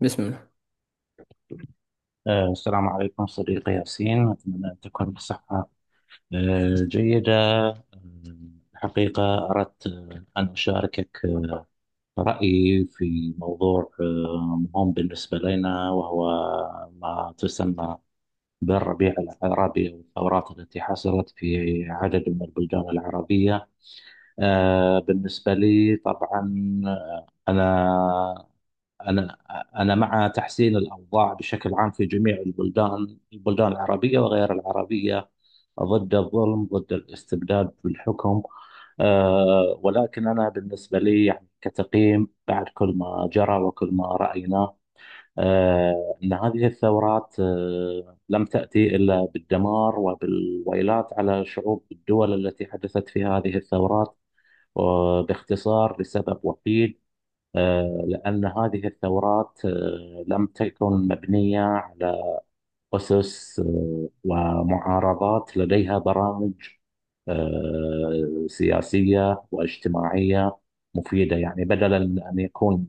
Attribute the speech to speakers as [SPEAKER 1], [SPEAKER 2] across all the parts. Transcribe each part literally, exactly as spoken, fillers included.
[SPEAKER 1] بسم الله.
[SPEAKER 2] آه، السلام عليكم صديقي ياسين، أتمنى أن تكون بصحة آه، جيدة. آه، الحقيقة أردت آه، أن أشاركك آه، رأيي في موضوع آه، مهم بالنسبة لنا، وهو ما تسمى بالربيع العربي والثورات التي حصلت في عدد من البلدان العربية. آه، بالنسبة لي طبعا، آه، أنا أنا أنا مع تحسين الأوضاع بشكل عام في جميع البلدان البلدان العربية وغير العربية، ضد الظلم، ضد الاستبداد بالحكم. أه ولكن أنا بالنسبة لي يعني كتقييم بعد كل ما جرى وكل ما رأيناه أه أن هذه الثورات أه لم تأتي إلا بالدمار وبالويلات على شعوب الدول التي حدثت في هذه الثورات، وباختصار لسبب وحيد، آه، لأن هذه الثورات آه، لم تكن مبنية على أسس آه، ومعارضات لديها برامج آه، سياسية واجتماعية مفيدة. يعني بدلا من أن يكون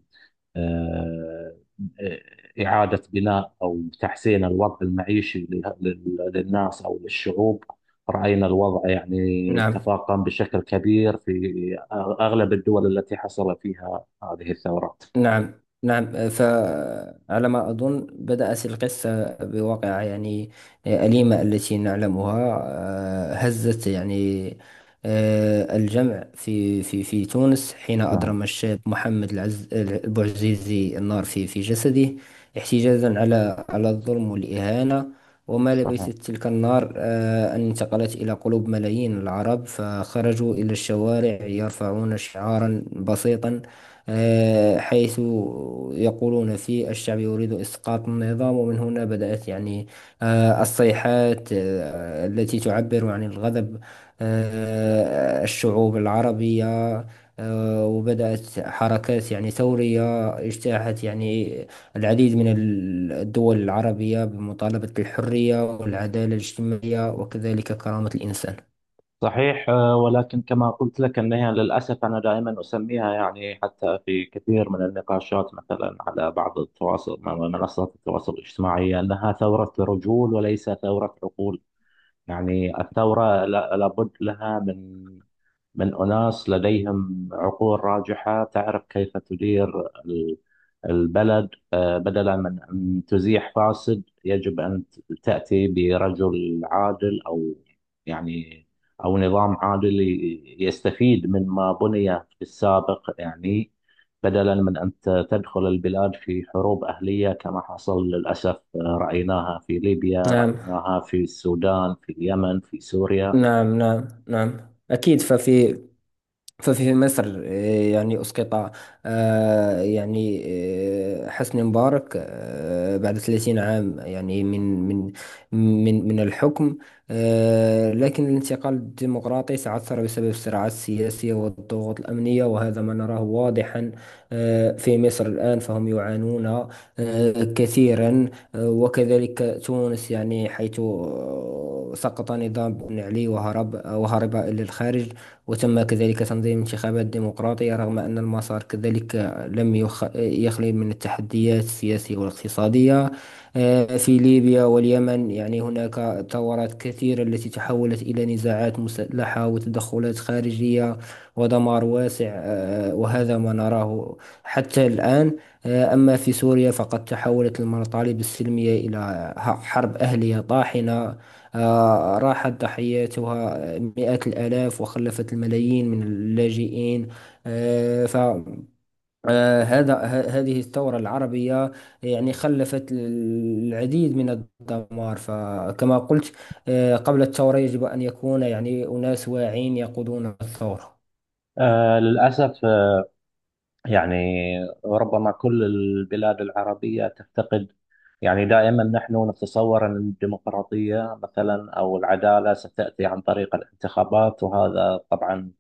[SPEAKER 2] آه، آه، إعادة بناء أو تحسين الوضع المعيشي له- لل- للناس أو للشعوب، رأينا الوضع يعني
[SPEAKER 1] نعم.
[SPEAKER 2] تفاقم بشكل كبير في أغلب الدول التي حصل فيها هذه الثورات.
[SPEAKER 1] نعم. نعم، فعلى ما أظن بدأت القصة بواقعة يعني أليمة التي نعلمها. آه، هزت يعني آه، الجمع في في في تونس حين
[SPEAKER 2] نعم.
[SPEAKER 1] أضرم الشاب محمد العز البوعزيزي النار في في جسده احتجاجا على على الظلم والإهانة. وما لبثت
[SPEAKER 2] صحيح.
[SPEAKER 1] تلك النار آه، أن انتقلت إلى قلوب ملايين العرب، فخرجوا إلى الشوارع يرفعون شعارا بسيطا، آه، حيث يقولون فيه: الشعب يريد إسقاط النظام. ومن هنا بدأت يعني آه، الصيحات آه، التي تعبر عن الغضب، آه، الشعوب العربية. آه، وبدأت حركات يعني ثورية اجتاحت يعني العديد من ال- الدول العربية بمطالبة الحرية والعدالة الاجتماعية وكذلك كرامة الإنسان.
[SPEAKER 2] صحيح، آه، ولكن كما قلت لك أنها للأسف أنا دائما أسميها، يعني حتى في كثير من النقاشات مثلا على بعض التواصل، منصات التواصل الاجتماعي، أنها ثورة رجول وليس ثورة عقول. يعني الثورة لا- لابد لها من من أناس لديهم عقول راجحة تعرف كيف تدير ال- البلد. آه، بدلا من أن تزيح فاسد يجب أن ت- تأتي برجل عادل، أو يعني أو نظام عادل ي- يستفيد مما بني في السابق. يعني بدلا من أن ت- تدخل البلاد في حروب أهلية كما حصل للأسف، رأيناها في ليبيا،
[SPEAKER 1] نعم.
[SPEAKER 2] رأيناها في السودان، في اليمن، في سوريا.
[SPEAKER 1] نعم. نعم. نعم، أكيد. ففي ففي مصر، آه، يعني أسقط آه، يعني آه، حسني مبارك آه، بعد ثلاثين عام يعني من من من من الحكم. آه، لكن الانتقال الديمقراطي تعثر بسبب الصراعات السياسية والضغوط الأمنية، وهذا ما نراه واضحا آه، في مصر الآن، فهم يعانون آه، كثيرا. آه، وكذلك تونس، يعني حيث آه، سقط نظام بن علي وهرب، وهرب إلى الخارج، وتم كذلك تنظيم انتخابات ديمقراطية، رغم أن المسار كذلك لم يخ... يخلو من التحديات السياسية والاقتصادية. آه، في ليبيا واليمن يعني هناك ثورات كثيرة التي تحولت إلى نزاعات مسلحة وتدخلات خارجية ودمار واسع، آه، وهذا ما نراه حتى الآن. آه، أما في سوريا فقد تحولت المطالب السلمية إلى ح- حرب أهلية طاحنة، آه، راحت ضحيتها مئات الآلاف وخلفت الملايين من اللاجئين. فهذا هذه الثورة العربية يعني خلفت العديد من الدمار. فكما قلت، آه، قبل الثورة يجب أن يكون يعني أناس واعين يقودون الثورة.
[SPEAKER 2] آه، للأسف، آه، يعني ربما كل البلاد العربية تفتقد، يعني دائما نحن نتصور أن الديمقراطية مثلا أو العدالة ستأتي عن طريق الانتخابات، وهذا طبعا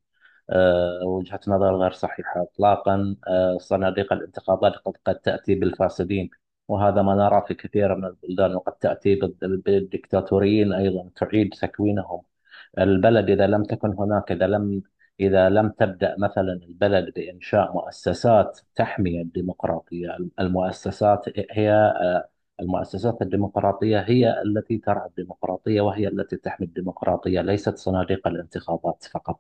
[SPEAKER 2] آه، وجهة نظر غير صحيحة إطلاقا. آه، صناديق الانتقادات قد قد تأتي بالفاسدين، وهذا ما نرى في كثير من البلدان، وقد تأتي بال- بالدكتاتوريين أيضا، تعيد تكوينهم البلد. إذا لم تكن هناك إذا لم إذا لم تبدأ مثلا البلد بإنشاء مؤسسات تحمي الديمقراطية. المؤسسات هي آه، المؤسسات الديمقراطية هي التي ترعى الديمقراطية وهي التي تحمي الديمقراطية، ليست صناديق الانتخابات فقط.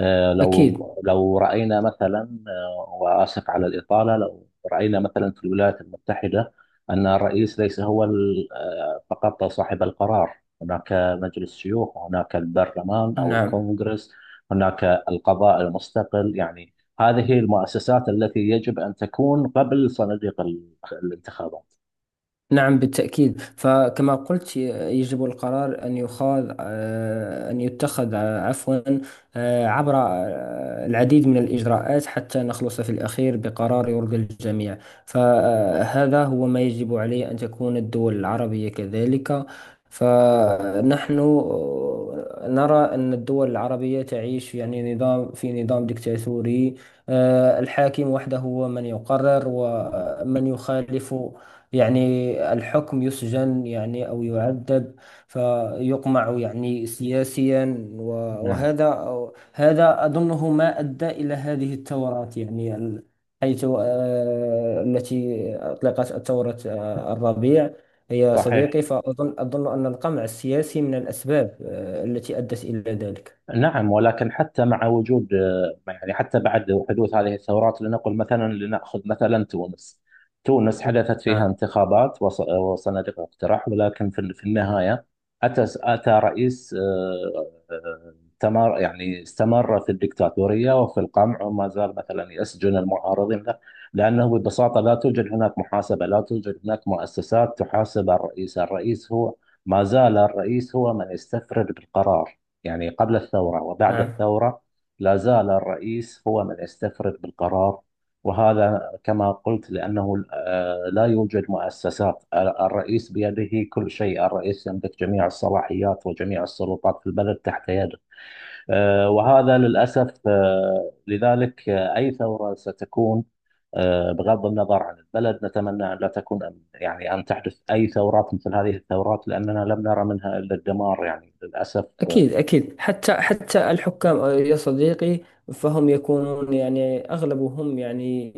[SPEAKER 2] آه، لو
[SPEAKER 1] أكيد.
[SPEAKER 2] لو رأينا مثلا، آه، وآسف على الإطالة، لو رأينا مثلا في الولايات المتحدة أن الرئيس ليس هو ال- آه، فقط صاحب القرار. هناك مجلس شيوخ، وهناك البرلمان أو
[SPEAKER 1] نعم.
[SPEAKER 2] الكونغرس، هناك القضاء المستقل. يعني هذه المؤسسات التي يجب أن تكون قبل صناديق ال- الانتخابات.
[SPEAKER 1] نعم، بالتأكيد. فكما قلت، ي- يجب القرار أن يخاض آه، أن يتخذ، آه، عفوا، آه، عبر آه، العديد من الإجراءات حتى نخلص في الأخير بقرار يرضي الجميع. فهذا هو ما يجب عليه أن تكون الدول العربية كذلك. فنحن آه، نرى أن الدول العربية تعيش يعني نظام في نظام ديكتاتوري، آه، الحاكم وحده هو من يقرر، ومن يخالف يعني الحكم يسجن يعني أو يعذب، فيقمع يعني سياسيا، و-
[SPEAKER 2] نعم.
[SPEAKER 1] وهذا هذا أظنه ما أدى إلى هذه الثورات. يعني ال- حيث آه، التي أطلقت ثورة آه، الربيع يا
[SPEAKER 2] صحيح.
[SPEAKER 1] صديقي. فأظن أظن أن القمع السياسي من الأسباب آه، التي أدت إلى ذلك.
[SPEAKER 2] نعم ولكن حتى مع وجود آه، يعني حتى بعد حدوث هذه الثورات، لنقل مثلا، لنأخذ مثلا تونس. تونس حدثت فيها
[SPEAKER 1] نعم.
[SPEAKER 2] انتخابات وص- وصناديق اقتراع، ولكن في في النهاية أتى أتى رئيس آه، آه، تمر يعني استمر في الدكتاتورية وفي القمع، وما زال مثلا يسجن المعارضين له، لأنه ببساطة لا توجد هناك محاسبة، لا توجد هناك مؤسسات تحاسب الرئيس الرئيس هو ما زال الرئيس هو من يستفرد بالقرار، يعني قبل الثورة وبعد
[SPEAKER 1] نعم،
[SPEAKER 2] الثورة لا زال الرئيس هو من استفرد بالقرار. وهذا كما قلت لأنه آه، لا يوجد مؤسسات. آه، الرئيس بيده كل شيء، الرئيس يملك جميع الصلاحيات وجميع السلطات في البلد تحت يده. آه، وهذا للأسف. آه، لذلك آه، أي ثورة ستكون آه، بغض النظر عن البلد، نتمنى أن لا تكون أن- يعني أن تحدث أي ثورات مثل هذه الثورات، لأننا لم نرى منها إلا الدمار يعني للأسف. آه،
[SPEAKER 1] أكيد. أكيد حتى، حتى الحكام يا صديقي فهم يكونون يعني أغلبهم، يعني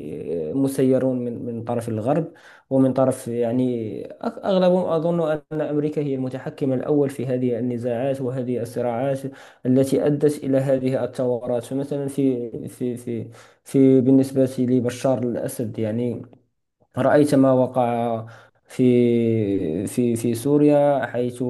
[SPEAKER 1] مسيرون من من طرف الغرب، ومن طرف، يعني أغ- أغلبهم أظن أن أمريكا هي المتحكم الأول في هذه النزاعات وهذه الصراعات التي أدت إلى هذه الثورات. فمثلا في في في في بالنسبة لبشار الأسد، يعني رأيت ما وقع في في في سوريا، حيث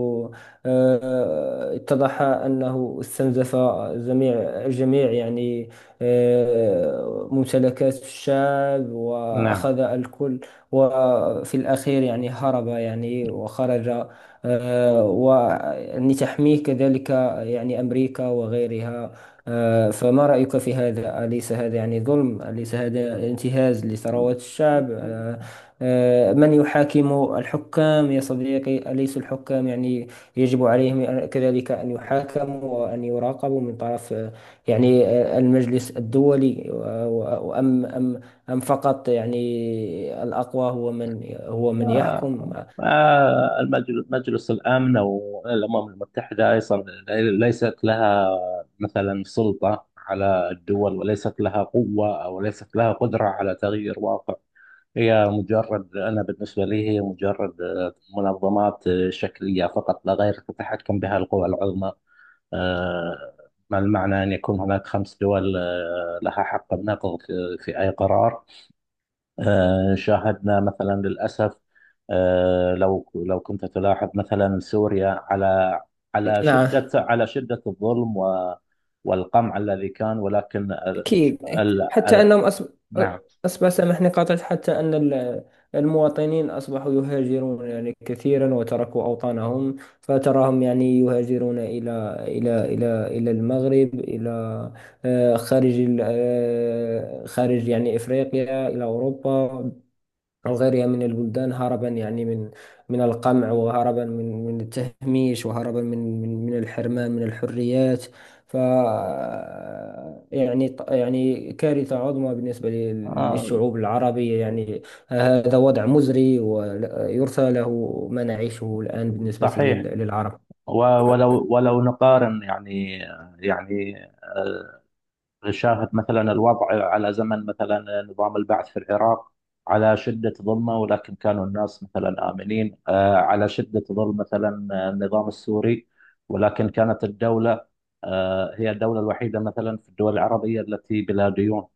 [SPEAKER 1] آه، اتضح أنه استنزف جميع جميع يعني آه، ممتلكات الشعب
[SPEAKER 2] نعم.
[SPEAKER 1] وأخذ الكل، وفي الأخير يعني هرب يعني وخرج، آه، ويعني تحميه كذلك يعني أمريكا وغيرها. آه، فما رأيك في هذا؟ أليس هذا يعني ظلم؟ أليس هذا انتهاز
[SPEAKER 2] ما
[SPEAKER 1] لثروات الشعب؟ آه، آه، من يحاكم الحكام يا صديقي؟ أليس الحكام يعني يجب عليهم أن- كذلك أن يحاكموا وأن يراقبوا من طرف آه، يعني آه، المجلس الدولي؟ وأم أم أم فقط يعني الأقوى هو من هو من يحكم؟
[SPEAKER 2] ما المجل- مجلس الأمن أو الأمم المتحدة أيضا ليست لها مثلا سلطة على الدول، وليست لها قوة أو ليست لها قدرة على تغيير واقع. هي مجرد أنا بالنسبة لي هي مجرد منظمات شكلية فقط لا غير، تتحكم بها القوى العظمى. آه، ما المعنى أن يكون هناك خمس دول آه، لها حق النقض في في أي قرار؟ آه، شاهدنا مثلا للأسف، آه، لو لو كنت تلاحظ مثلا سوريا، على على
[SPEAKER 1] نعم،
[SPEAKER 2] شدة على شدة الظلم و- والقمع الذي كان، ولكن ال
[SPEAKER 1] أكيد. إيه،
[SPEAKER 2] ال
[SPEAKER 1] حتى
[SPEAKER 2] ال
[SPEAKER 1] أنهم أصب...
[SPEAKER 2] نعم
[SPEAKER 1] أصبح، سامحني قاطعت، حتى أن ال- المواطنين أصبحوا يهاجرون يعني كثيرا، وتركوا أوطانهم. فتراهم يعني يهاجرون إلى إلى إلى إلى المغرب، إلى آه، خارج ال- آه، خارج يعني إفريقيا، إلى أوروبا أو غيرها من البلدان، هربا يعني من من القمع، وهربا من من التهميش، وهربا من من من الحرمان من الحريات. ف يعني يعني كارثة عظمى بالنسبة لل-
[SPEAKER 2] آه،
[SPEAKER 1] للشعوب العربية. يعني هذا وضع مزري ويرثى له ما نعيشه الآن بالنسبة
[SPEAKER 2] صحيح.
[SPEAKER 1] لل- للعرب.
[SPEAKER 2] و- ولو ولو نقارن، يعني يعني آه، شاهد مثلا الوضع على زمن مثلا نظام البعث في العراق، على شدة ظلمه، ولكن كانوا الناس مثلا آمنين. آه، على شدة ظلم مثلا آه، النظام السوري، ولكن كانت الدولة آه، هي الدولة الوحيدة مثلا في الدول العربية التي بلا ديون.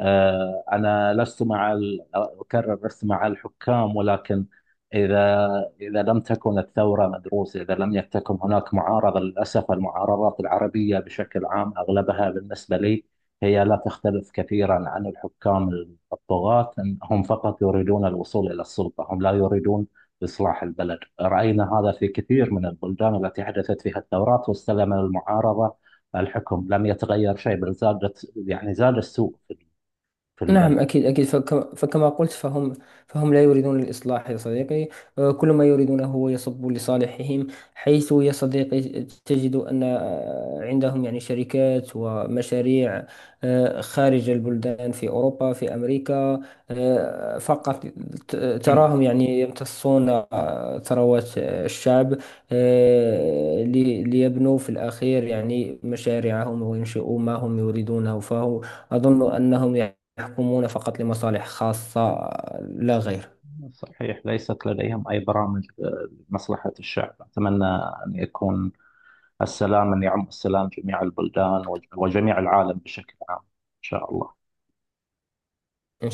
[SPEAKER 2] آه، أنا لست مع ال- أكرر لست مع الحكام، ولكن إذا إذا لم تكن الثورة مدروسة، إذا لم يكن هناك معارضة. للأسف المعارضات العربية بشكل عام أغلبها بالنسبة لي هي لا تختلف كثيرا عن الحكام الطغاة، إن هم فقط يريدون الوصول إلى السلطة، هم لا يريدون إصلاح البلد. رأينا هذا في كثير من البلدان التي حدثت فيها الثورات، واستلم المعارضة الحكم، لم يتغير شيء، بل زادت يعني زاد السوء في
[SPEAKER 1] نعم،
[SPEAKER 2] البلد.
[SPEAKER 1] أكيد. أكيد، فك- فكما قلت، فهم فهم لا يريدون الإصلاح يا صديقي. آه، كل ما يريدونه هو يصب لصالحهم، حيث يا صديقي تجد أن آه، عندهم يعني شركات ومشاريع آه، خارج البلدان، في أوروبا، في أمريكا. آه، فقط ت- تراهم يعني يمتصون آه، ثروات آه، الشعب، آه، لي- ليبنوا في الأخير يعني مشاريعهم وينشئوا ما هم يريدونه. فهو أظن أنهم يعني يحكمون فقط لمصالح خاصة لا غير
[SPEAKER 2] صحيح، ليست لديهم أي برامج آه، لمصلحة الشعب. أتمنى أن يكون السلام، أن يعم السلام جميع البلدان وج- وجميع العالم بشكل عام، إن شاء الله.